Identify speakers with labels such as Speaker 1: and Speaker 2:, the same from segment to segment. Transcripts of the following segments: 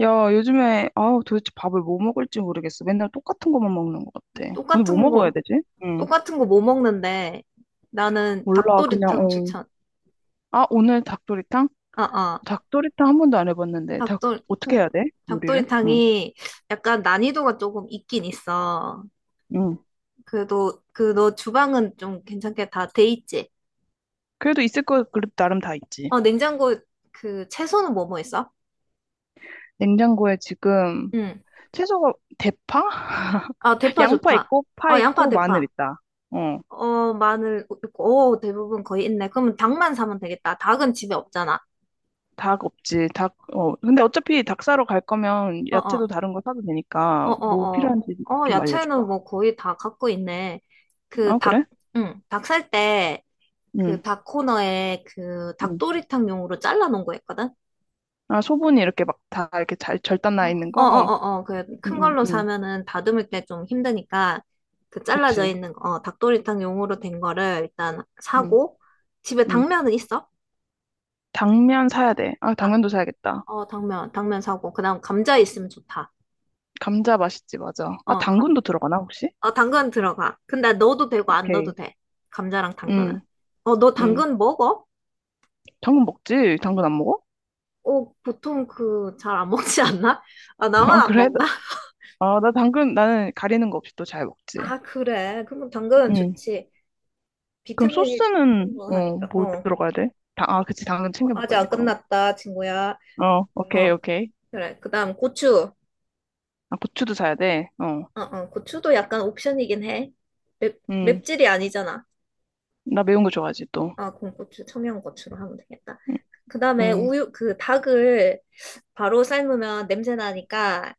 Speaker 1: 야, 요즘에, 아, 도대체 밥을 뭐 먹을지 모르겠어. 맨날 똑같은 것만 먹는 것 같아. 오늘 뭐
Speaker 2: 똑같은
Speaker 1: 먹어야
Speaker 2: 거,
Speaker 1: 되지? 응.
Speaker 2: 똑같은 거 뭐 먹는데. 나는
Speaker 1: 몰라, 그냥,
Speaker 2: 닭도리탕
Speaker 1: 어.
Speaker 2: 추천.
Speaker 1: 아, 오늘 닭도리탕?
Speaker 2: 아, 아,
Speaker 1: 닭도리탕 한 번도 안 해봤는데,
Speaker 2: 닭도리,
Speaker 1: 어떻게 해야 돼? 요리를? 응,
Speaker 2: 닭도리탕이 약간 난이도가 조금 있긴 있어.
Speaker 1: 응.
Speaker 2: 그래도, 그 너 주방은 좀 괜찮게 다 돼 있지?
Speaker 1: 그래도 나름 다 있지.
Speaker 2: 어, 냉장고 그 채소는 뭐 뭐 있어?
Speaker 1: 냉장고에 지금,
Speaker 2: 응.
Speaker 1: 채소가, 대파?
Speaker 2: 아, 대파
Speaker 1: 양파
Speaker 2: 좋다.
Speaker 1: 있고, 파
Speaker 2: 아, 양파,
Speaker 1: 있고, 마늘
Speaker 2: 대파.
Speaker 1: 있다. 어,
Speaker 2: 어, 마늘 있고, 오, 대부분 거의 있네. 그러면 닭만 사면 되겠다. 닭은 집에 없잖아.
Speaker 1: 닭 없지. 근데 어차피 닭 사러 갈 거면 야채도
Speaker 2: 어어.
Speaker 1: 다른 거 사도
Speaker 2: 어,
Speaker 1: 되니까, 뭐
Speaker 2: 어,
Speaker 1: 필요한지
Speaker 2: 어. 어,
Speaker 1: 좀 알려줘봐.
Speaker 2: 야채는 뭐 거의 다 갖고 있네. 그
Speaker 1: 어, 그래?
Speaker 2: 닭, 응, 닭 살 때, 그
Speaker 1: 응,
Speaker 2: 닭 코너에 그
Speaker 1: 응.
Speaker 2: 닭도리탕용으로 잘라놓은 거 있거든?
Speaker 1: 아, 소분이 이렇게 막 다 이렇게 잘 절단 나 있는
Speaker 2: 어, 어,
Speaker 1: 거?
Speaker 2: 어, 어. 그 큰
Speaker 1: 응, 응,
Speaker 2: 걸로
Speaker 1: 응.
Speaker 2: 사면은 다듬을 때 좀 힘드니까 그 잘라져
Speaker 1: 그치.
Speaker 2: 있는 거, 어, 닭도리탕용으로 된 거를 일단
Speaker 1: 응,
Speaker 2: 사고, 집에
Speaker 1: 응.
Speaker 2: 당면은 있어?
Speaker 1: 당면 사야 돼. 아,
Speaker 2: 아,
Speaker 1: 당면도 사야겠다.
Speaker 2: 어, 당면 사고, 그다음 감자 있으면 좋다.
Speaker 1: 감자 맛있지, 맞아. 아,
Speaker 2: 어,
Speaker 1: 당근도 들어가나, 혹시?
Speaker 2: 어, 당근 들어가. 근데 넣어도 되고 안 넣어도
Speaker 1: 오케이.
Speaker 2: 돼. 감자랑 당근은.
Speaker 1: 응,
Speaker 2: 어, 너
Speaker 1: 응.
Speaker 2: 당근 먹어?
Speaker 1: 당근 먹지? 당근 안 먹어?
Speaker 2: 어, 보통 그 잘 안 먹지 않나? 아, 나만
Speaker 1: 아,
Speaker 2: 안
Speaker 1: 그래?
Speaker 2: 먹나?
Speaker 1: 아, 나는 가리는 거 없이 또 잘 먹지.
Speaker 2: 아, 그래. 그럼 당근은
Speaker 1: 응.
Speaker 2: 좋지.
Speaker 1: 그럼
Speaker 2: 비타민이
Speaker 1: 소스는,
Speaker 2: 충분하니까.
Speaker 1: 뭐 들어가야 돼? 그치. 당근
Speaker 2: 어,
Speaker 1: 챙겨
Speaker 2: 아직
Speaker 1: 먹어야지,
Speaker 2: 안
Speaker 1: 그럼.
Speaker 2: 끝났다, 친구야.
Speaker 1: 어, 오케이,
Speaker 2: 어,
Speaker 1: 오케이.
Speaker 2: 그래. 그다음 고추.
Speaker 1: 아, 고추도 사야 돼. 어,
Speaker 2: 어, 어, 고추도 약간 옵션이긴 해.
Speaker 1: 응.
Speaker 2: 맵찔이 아니잖아.
Speaker 1: 나 매운 거 좋아하지, 또.
Speaker 2: 아, 그럼 고추, 청양고추로 하면 되겠다.
Speaker 1: 응.
Speaker 2: 그다음에
Speaker 1: 응.
Speaker 2: 우유, 그 닭을 바로 삶으면 냄새 나니까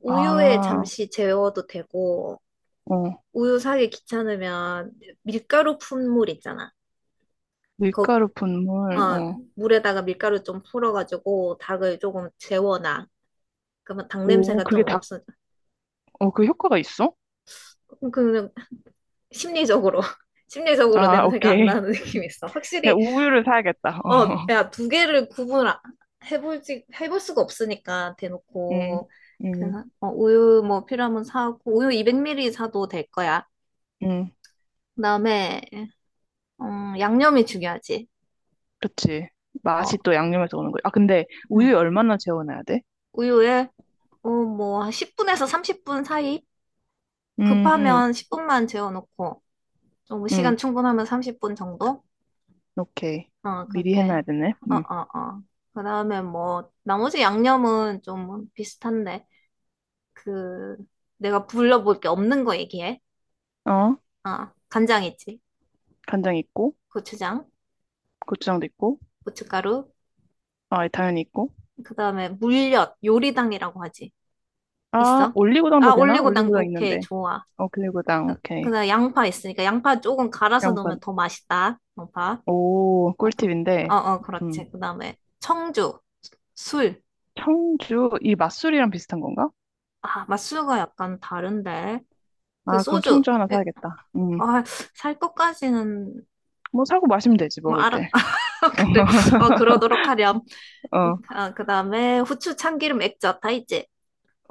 Speaker 2: 우유에
Speaker 1: 아,
Speaker 2: 잠시 재워도 되고,
Speaker 1: 어,
Speaker 2: 우유 사기 귀찮으면 밀가루 푼 물 있잖아. 거,
Speaker 1: 밀가루 분말,
Speaker 2: 어,
Speaker 1: 어.
Speaker 2: 물에다가 밀가루 좀 풀어가지고 닭을 조금 재워놔. 그러면 닭
Speaker 1: 오,
Speaker 2: 냄새가 좀 없어져.
Speaker 1: 그 효과가 있어?
Speaker 2: 그 심리적으로 심리적으로
Speaker 1: 아,
Speaker 2: 냄새가 안
Speaker 1: 오케이.
Speaker 2: 나는 느낌이 있어.
Speaker 1: 그냥
Speaker 2: 확실히.
Speaker 1: 우유를 사야겠다.
Speaker 2: 어,
Speaker 1: 어.
Speaker 2: 야, 두 개를 구분 해볼지 해볼 수가 없으니까
Speaker 1: 음,
Speaker 2: 대놓고
Speaker 1: 음,
Speaker 2: 그냥 우유 뭐 필요하면 사고 우유 200ml 사도 될 거야.
Speaker 1: 음.
Speaker 2: 그다음에 양념이 중요하지.
Speaker 1: 그치.
Speaker 2: 어,
Speaker 1: 맛이 또 양념에서 오는 거야. 아, 근데
Speaker 2: 음.
Speaker 1: 우유 얼마나 재워놔야 돼?
Speaker 2: 우유에 뭐 10분에서 30분 사이.
Speaker 1: 음, 음,
Speaker 2: 급하면 10분만 재워놓고 어, 뭐
Speaker 1: 음.
Speaker 2: 시간 충분하면 30분 정도?
Speaker 1: 오케이.
Speaker 2: 어,
Speaker 1: 미리
Speaker 2: 그렇게.
Speaker 1: 해놔야 되네.
Speaker 2: 어,
Speaker 1: 음.
Speaker 2: 어, 어. 그 다음에 뭐, 나머지 양념은 좀 비슷한데. 그, 내가 불러볼 게 없는 거 얘기해.
Speaker 1: 어,
Speaker 2: 아, 간장 있지.
Speaker 1: 간장 있고,
Speaker 2: 고추장,
Speaker 1: 고추장도 있고,
Speaker 2: 고춧가루.
Speaker 1: 아, 당연히 있고.
Speaker 2: 그 다음에 물엿, 요리당이라고 하지.
Speaker 1: 아,
Speaker 2: 있어? 아,
Speaker 1: 올리고당도 되나?
Speaker 2: 올리고당,
Speaker 1: 올리고당
Speaker 2: 오케이,
Speaker 1: 있는데.
Speaker 2: 좋아.
Speaker 1: 어, 올리고당,
Speaker 2: 그
Speaker 1: 오케이.
Speaker 2: 다음에 양파 있으니까 양파 조금 갈아서
Speaker 1: 양파.
Speaker 2: 넣으면 더 맛있다. 양파.
Speaker 1: 오,
Speaker 2: 아, 그, 어,
Speaker 1: 꿀팁인데.
Speaker 2: 어,
Speaker 1: 음.
Speaker 2: 그렇지. 그 다음에 청주, 술.
Speaker 1: 청주, 이 맛술이랑 비슷한 건가?
Speaker 2: 아, 맛술과 약간 다른데. 그
Speaker 1: 아, 그럼
Speaker 2: 소주.
Speaker 1: 청주 하나 사야겠다.
Speaker 2: 아, 살 것까지는
Speaker 1: 뭐 사고 마시면 되지,
Speaker 2: 뭐
Speaker 1: 먹을
Speaker 2: 알아.
Speaker 1: 때.
Speaker 2: 그래. 어, 그러도록 하렴.
Speaker 1: 어,
Speaker 2: 아, 그다음에 후추 참기름 액젓 다 있지?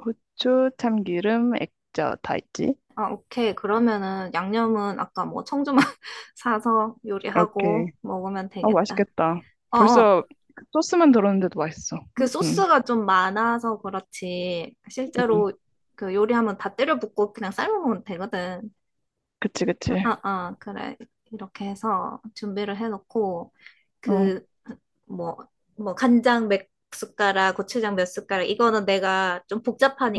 Speaker 1: 후추, 참기름, 액젓 다 있지?
Speaker 2: 아, 오케이. 그러면은 양념은 아까 뭐 청주만 사서
Speaker 1: 오케이.
Speaker 2: 요리하고 먹으면
Speaker 1: 아,
Speaker 2: 되겠다.
Speaker 1: 맛있겠다.
Speaker 2: 어, 어.
Speaker 1: 벌써 그 소스만 들었는데도 맛있어.
Speaker 2: 그 소스가 좀 많아서 그렇지.
Speaker 1: 음.
Speaker 2: 실제로 그 요리하면 다 때려 붓고 그냥 삶아 먹으면 되거든.
Speaker 1: 그치, 그치.
Speaker 2: 아, 아, 아, 그래. 이렇게 해서 준비를 해놓고
Speaker 1: 어,
Speaker 2: 그 뭐, 뭐, 간장 몇 숟가락, 고추장 몇 숟가락, 이거는 내가 좀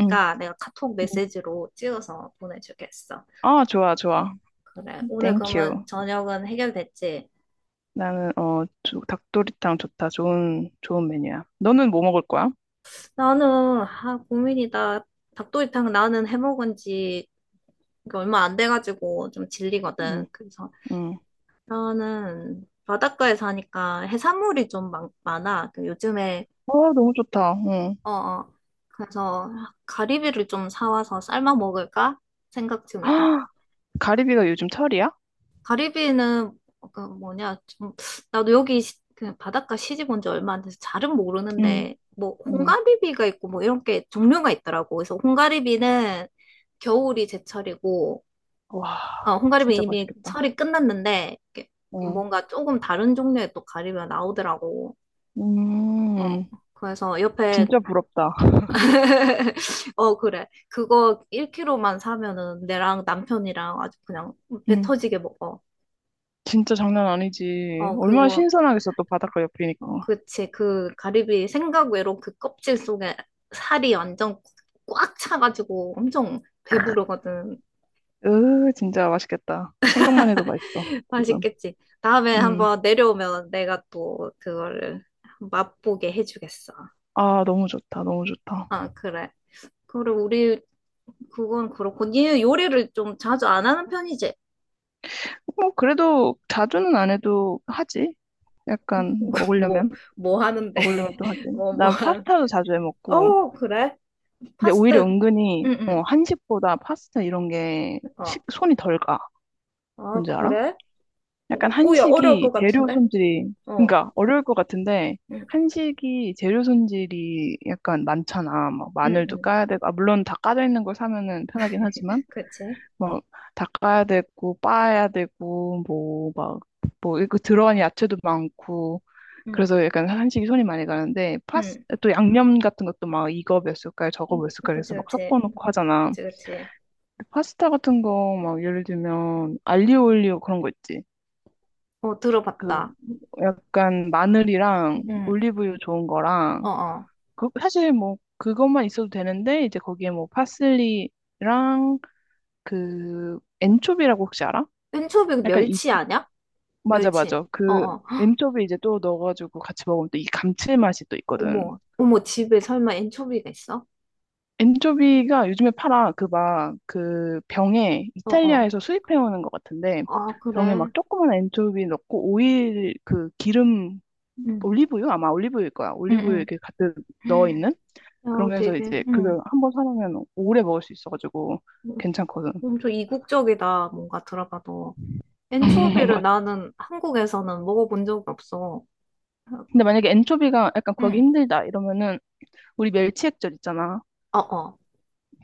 Speaker 1: 음,
Speaker 2: 내가 카톡
Speaker 1: 음.
Speaker 2: 메시지로 찍어서 보내주겠어.
Speaker 1: 아, 좋아, 좋아.
Speaker 2: 그래. 오늘
Speaker 1: 땡큐.
Speaker 2: 그러면 저녁은 해결됐지?
Speaker 1: 나는, 닭도리탕 좋다. 좋은 메뉴야. 너는 뭐 먹을 거야?
Speaker 2: 나는, 아, 고민이다. 닭도리탕 나는 해먹은 지 얼마 안 돼가지고 좀
Speaker 1: 응,
Speaker 2: 질리거든. 그래서
Speaker 1: 응.
Speaker 2: 나는 바닷가에 사니까 해산물이 좀 많아. 그 요즘에,
Speaker 1: 와, 너무 좋다. 응.
Speaker 2: 어, 어. 그래서 가리비를 좀 사와서 삶아 먹을까 생각 중이다.
Speaker 1: 아, 가리비가 요즘 철이야?
Speaker 2: 가리비는 그 뭐냐 좀, 나도 여기 그 바닷가 시집 온 지 얼마 안 돼서 잘은
Speaker 1: 응.
Speaker 2: 모르는데 뭐
Speaker 1: 음.
Speaker 2: 홍가리비가 있고 뭐 이런 게 종류가 있더라고. 그래서 홍가리비는 겨울이 제철이고 어
Speaker 1: 와,
Speaker 2: 홍가리비
Speaker 1: 진짜
Speaker 2: 이미
Speaker 1: 맛있겠다.
Speaker 2: 철이 끝났는데 이렇게
Speaker 1: 어.
Speaker 2: 뭔가 조금 다른 종류의 또 가리비가 나오더라고. 어
Speaker 1: 음,
Speaker 2: 그래서 옆에
Speaker 1: 진짜 부럽다.
Speaker 2: 어 그래 그거 1kg만 사면은 내랑 남편이랑 아주 그냥 배
Speaker 1: 음,
Speaker 2: 터지게 먹어.
Speaker 1: 진짜 장난 아니지.
Speaker 2: 어
Speaker 1: 얼마나
Speaker 2: 그리고
Speaker 1: 신선하겠어, 또 바닷가
Speaker 2: 어,
Speaker 1: 옆이니까.
Speaker 2: 그치. 그 가리비 생각 외로 그 껍질 속에 살이 완전 꽉 차가지고 엄청 배부르거든.
Speaker 1: 으, 진짜 맛있겠다. 생각만 해도 맛있어, 지금.
Speaker 2: 맛있겠지. 다음에
Speaker 1: 음.
Speaker 2: 한번 내려오면 내가 또 그거를 맛보게 해주겠어.
Speaker 1: 아, 너무 좋다, 너무 좋다.
Speaker 2: 아, 그래. 그리고 우리 그건 그렇고 니 요리를 좀 자주 안 하는 편이지.
Speaker 1: 뭐, 그래도 자주는 안 해도 하지. 약간
Speaker 2: 뭐,
Speaker 1: 먹으려면,
Speaker 2: 뭐 하는데.
Speaker 1: 먹으려면 또 하지.
Speaker 2: 뭐, 뭐
Speaker 1: 나
Speaker 2: 하는.
Speaker 1: 파스타도 자주 해 먹고.
Speaker 2: 어, 그래.
Speaker 1: 근데
Speaker 2: 파스타.
Speaker 1: 오히려 은근히,
Speaker 2: 응, 응.
Speaker 1: 한식보다 파스타 이런 게
Speaker 2: 어.
Speaker 1: 손이 덜 가.
Speaker 2: 아,
Speaker 1: 뭔지 알아?
Speaker 2: 그래?
Speaker 1: 약간
Speaker 2: 꼬야 어려울 것
Speaker 1: 한식이 재료
Speaker 2: 같은데?
Speaker 1: 손질이,
Speaker 2: 어.
Speaker 1: 그러니까 어려울 것 같은데,
Speaker 2: 응,
Speaker 1: 한식이 재료 손질이 약간 많잖아. 막
Speaker 2: 응,
Speaker 1: 마늘도
Speaker 2: 응.
Speaker 1: 까야 되고, 아, 물론 다 까져 있는 걸 사면은 편하긴 하지만,
Speaker 2: 그렇지.
Speaker 1: 뭐다 까야 되고, 빻아야 되고, 뭐, 막, 뭐, 이거 들어간 야채도 많고,
Speaker 2: 응,
Speaker 1: 그래서 약간 한식이 손이 많이 가는데,
Speaker 2: 응.
Speaker 1: 또 양념 같은 것도 막 이거 몇 숟갈, 저거
Speaker 2: 응,
Speaker 1: 몇 숟갈
Speaker 2: 그렇지,
Speaker 1: 해서 막
Speaker 2: 그렇지,
Speaker 1: 섞어 놓고 하잖아.
Speaker 2: 그렇지, 그렇지.
Speaker 1: 파스타 같은 거 막 예를 들면 알리오 올리오 그런 거 있지.
Speaker 2: 어,
Speaker 1: 그
Speaker 2: 들어봤다.
Speaker 1: 약간 마늘이랑
Speaker 2: 응,
Speaker 1: 올리브유 좋은
Speaker 2: 어,
Speaker 1: 거랑
Speaker 2: 어.
Speaker 1: 그 사실 뭐 그것만 있어도 되는데 이제 거기에 뭐 파슬리랑 그 엔초비라고 혹시 알아?
Speaker 2: 엔초비
Speaker 1: 약간 이
Speaker 2: 멸치 아냐?
Speaker 1: 맞아
Speaker 2: 멸치.
Speaker 1: 맞아.
Speaker 2: 어,
Speaker 1: 그
Speaker 2: 어.
Speaker 1: 엔초비 이제 또 넣어가지고 같이 먹으면 또 이 감칠맛이 또 있거든.
Speaker 2: 어머, 어머, 집에 설마 엔초비가 있어?
Speaker 1: 엔초비가 요즘에 팔아. 그 막 그 병에
Speaker 2: 어, 어.
Speaker 1: 이탈리아에서 수입해 오는 것 같은데,
Speaker 2: 아,
Speaker 1: 병에 막
Speaker 2: 그래.
Speaker 1: 조그만 엔초비 넣고 오일, 그 기름,
Speaker 2: 응,
Speaker 1: 올리브유, 아마 올리브유일 거야.
Speaker 2: 응,
Speaker 1: 올리브유
Speaker 2: 응.
Speaker 1: 이렇게 가득 넣어 있는
Speaker 2: 야,
Speaker 1: 그런 게 해서
Speaker 2: 되게,
Speaker 1: 이제 그걸
Speaker 2: 응.
Speaker 1: 한번 사놓으면 오래 먹을 수 있어가지고 괜찮거든.
Speaker 2: 엄청 이국적이다, 뭔가 들어봐도. 엔초비를
Speaker 1: 맞-
Speaker 2: 나는 한국에서는 먹어본 적이 없어.
Speaker 1: 근데 만약에 엔초비가 약간 구하기
Speaker 2: 응.
Speaker 1: 힘들다 이러면은 우리 멸치액젓 있잖아.
Speaker 2: 어, 어.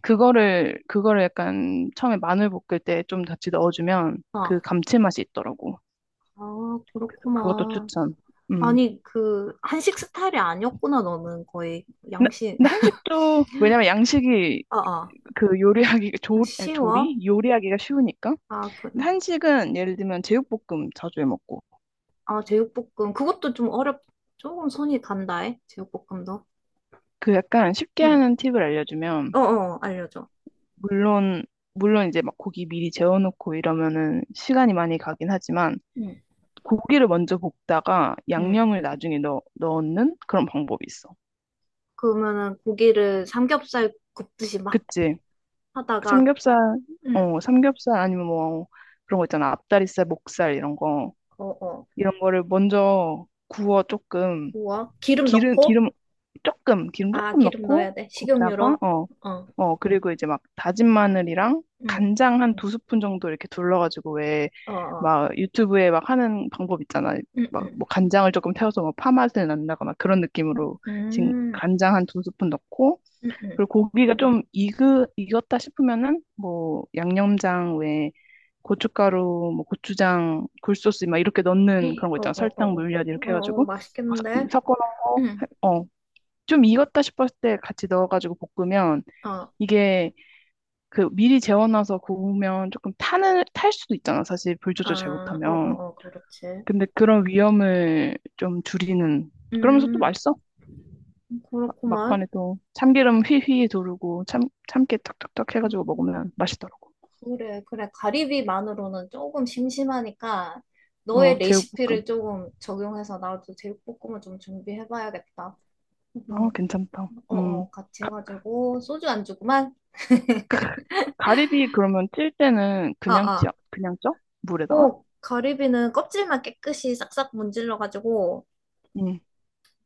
Speaker 1: 그거를 약간 처음에 마늘 볶을 때 좀 같이 넣어주면 그
Speaker 2: 어.
Speaker 1: 감칠맛이 있더라고.
Speaker 2: 아,
Speaker 1: 그래서 그것도
Speaker 2: 그렇구만.
Speaker 1: 추천. 음.
Speaker 2: 아니, 그, 한식 스타일이 아니었구나, 너는 거의.
Speaker 1: 근데
Speaker 2: 양식.
Speaker 1: 근데 한식도, 왜냐면 양식이
Speaker 2: 아, 아.
Speaker 1: 그 요리하기 조, 에,
Speaker 2: 쉬워?
Speaker 1: 조리 요리하기가 쉬우니까.
Speaker 2: 아, 그,
Speaker 1: 근데 한식은 예를 들면 제육볶음 자주 해 먹고.
Speaker 2: 아, 제육볶음. 그것도 좀 조금 손이 간다, 해. 제육볶음도.
Speaker 1: 그 약간 쉽게
Speaker 2: 응.
Speaker 1: 하는 팁을 알려주면,
Speaker 2: 어어, 알려줘.
Speaker 1: 물론, 물론 이제 막 고기 미리 재워놓고 이러면은 시간이 많이 가긴 하지만,
Speaker 2: 응,
Speaker 1: 고기를 먼저 볶다가
Speaker 2: 응.
Speaker 1: 양념을 나중에 넣는 그런 방법이 있어.
Speaker 2: 그러면은 고기를 삼겹살 굽듯이 막
Speaker 1: 그치?
Speaker 2: 하다가,
Speaker 1: 삼겹살,
Speaker 2: 응,
Speaker 1: 삼겹살 아니면 뭐 그런 거 있잖아. 앞다리살, 목살 이런 거.
Speaker 2: 어어,
Speaker 1: 이런 거를 먼저 구워 조금.
Speaker 2: 구워. 기름
Speaker 1: 기름,
Speaker 2: 넣고?
Speaker 1: 기름 조금, 기름
Speaker 2: 아,
Speaker 1: 조금
Speaker 2: 기름 넣어야
Speaker 1: 넣고
Speaker 2: 돼.
Speaker 1: 굽다가,
Speaker 2: 식용유로. 어,
Speaker 1: 그리고 이제 막 다진 마늘이랑
Speaker 2: 응,
Speaker 1: 간장 한 두 스푼 정도 이렇게 둘러가지고, 왜
Speaker 2: 어어,
Speaker 1: 막 유튜브에 막 하는 방법 있잖아.
Speaker 2: 응,
Speaker 1: 막
Speaker 2: 응.
Speaker 1: 뭐 간장을 조금 태워서 뭐 파맛을 낸다거나 그런 느낌으로 지금
Speaker 2: 음,
Speaker 1: 간장 한 두 스푼 넣고,
Speaker 2: 응, 응.
Speaker 1: 그리고 고기가 좀 익었다 싶으면은 뭐 양념장 외에 고춧가루, 뭐 고추장, 굴소스 막 이렇게 넣는 그런 거 있잖아. 설탕,
Speaker 2: 어어어.
Speaker 1: 물엿
Speaker 2: 어,
Speaker 1: 이렇게
Speaker 2: 어,
Speaker 1: 해가지고
Speaker 2: 맛있겠는데?
Speaker 1: 섞어 놓은
Speaker 2: 응.
Speaker 1: 거, 좀 익었다 싶었을 때 같이 넣어가지고 볶으면,
Speaker 2: 어,
Speaker 1: 이게 그 미리 재워놔서 구우면 조금 탈 수도 있잖아. 사실 불 조절 잘
Speaker 2: 아, 어,
Speaker 1: 못하면.
Speaker 2: 어, 어, 그렇지.
Speaker 1: 근데 그런 위험을 좀 줄이는. 그러면서 또
Speaker 2: 음,
Speaker 1: 맛있어. 막-
Speaker 2: 그렇구만.
Speaker 1: 막판에 또 참기름 휘휘 두르고 참깨 탁탁탁 해가지고 먹으면 맛있더라고.
Speaker 2: 그래, 그래. 가리비만으로는 조금 심심하니까
Speaker 1: 어,
Speaker 2: 너의
Speaker 1: 제육볶음.
Speaker 2: 레시피를 조금 적용해서 나도 제육볶음을 좀 준비해봐야겠다.
Speaker 1: 어,
Speaker 2: 음,
Speaker 1: 괜찮다.
Speaker 2: 어,
Speaker 1: 음.
Speaker 2: 어, 같이 해가지고 소주 안주구만.
Speaker 1: 가리비 그러면 찔 때는
Speaker 2: 아, 아.
Speaker 1: 그냥 쪄? 물에다가?
Speaker 2: 어, 가리비는 껍질만 깨끗이 싹싹 문질러가지고
Speaker 1: 응.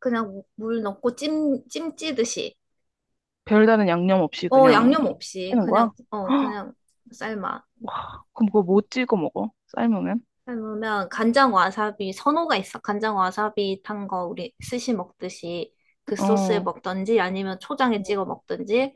Speaker 2: 그냥 물 넣고 찜 찌듯이.
Speaker 1: 별다른 양념 없이
Speaker 2: 어,
Speaker 1: 그냥
Speaker 2: 양념 없이
Speaker 1: 찌는 거야? 헉,
Speaker 2: 그냥 삶아.
Speaker 1: 그럼 그거 뭐 찍어 먹어? 삶으면?
Speaker 2: 그러면 간장 와사비 선호가 있어? 간장 와사비 탄 거 우리 스시 먹듯이 그 소스에
Speaker 1: 어.
Speaker 2: 먹든지 아니면 초장에 찍어 먹든지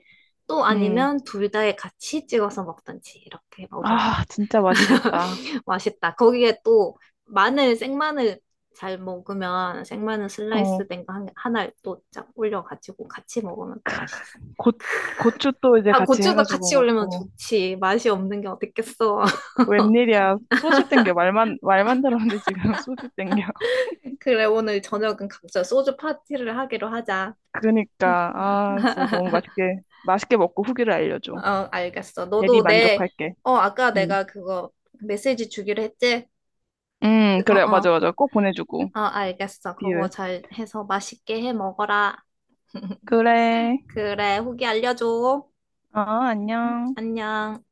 Speaker 2: 또
Speaker 1: 응.
Speaker 2: 아니면 둘 다에 같이 찍어서 먹든지 이렇게 먹으면
Speaker 1: 아, 진짜 맛있겠다.
Speaker 2: 맛있다. 거기에 또 마늘 생마늘 잘 먹으면 생마늘
Speaker 1: 어.
Speaker 2: 슬라이스 된 거 하나 또쫙 올려가지고 같이 먹으면 또 맛있어.
Speaker 1: 고, 고추 또 이제
Speaker 2: 아,
Speaker 1: 같이
Speaker 2: 고추도
Speaker 1: 해가지고
Speaker 2: 같이 올리면
Speaker 1: 먹고.
Speaker 2: 좋지. 맛이 없는 게 어딨겠어.
Speaker 1: 웬일이야. 소주 땡겨. 말만, 말만 들었는데 지금 소주 땡겨.
Speaker 2: 그래, 오늘 저녁은 각자 소주 파티를 하기로 하자.
Speaker 1: 그러니까, 아, 진짜 너무 맛있게, 맛있게 먹고 후기를
Speaker 2: 어,
Speaker 1: 알려줘.
Speaker 2: 알겠어.
Speaker 1: 대리 만족할게.
Speaker 2: 어, 아까
Speaker 1: 응.
Speaker 2: 내가 그거 메시지 주기로 했지? 어,
Speaker 1: 그래. 맞아,
Speaker 2: 어,
Speaker 1: 맞아. 꼭 보내주고.
Speaker 2: 어, 알겠어. 그거
Speaker 1: 비율.
Speaker 2: 잘 해서 맛있게 해 먹어라.
Speaker 1: 그래.
Speaker 2: 그래, 후기 알려줘.
Speaker 1: 어, 안녕.
Speaker 2: 안녕.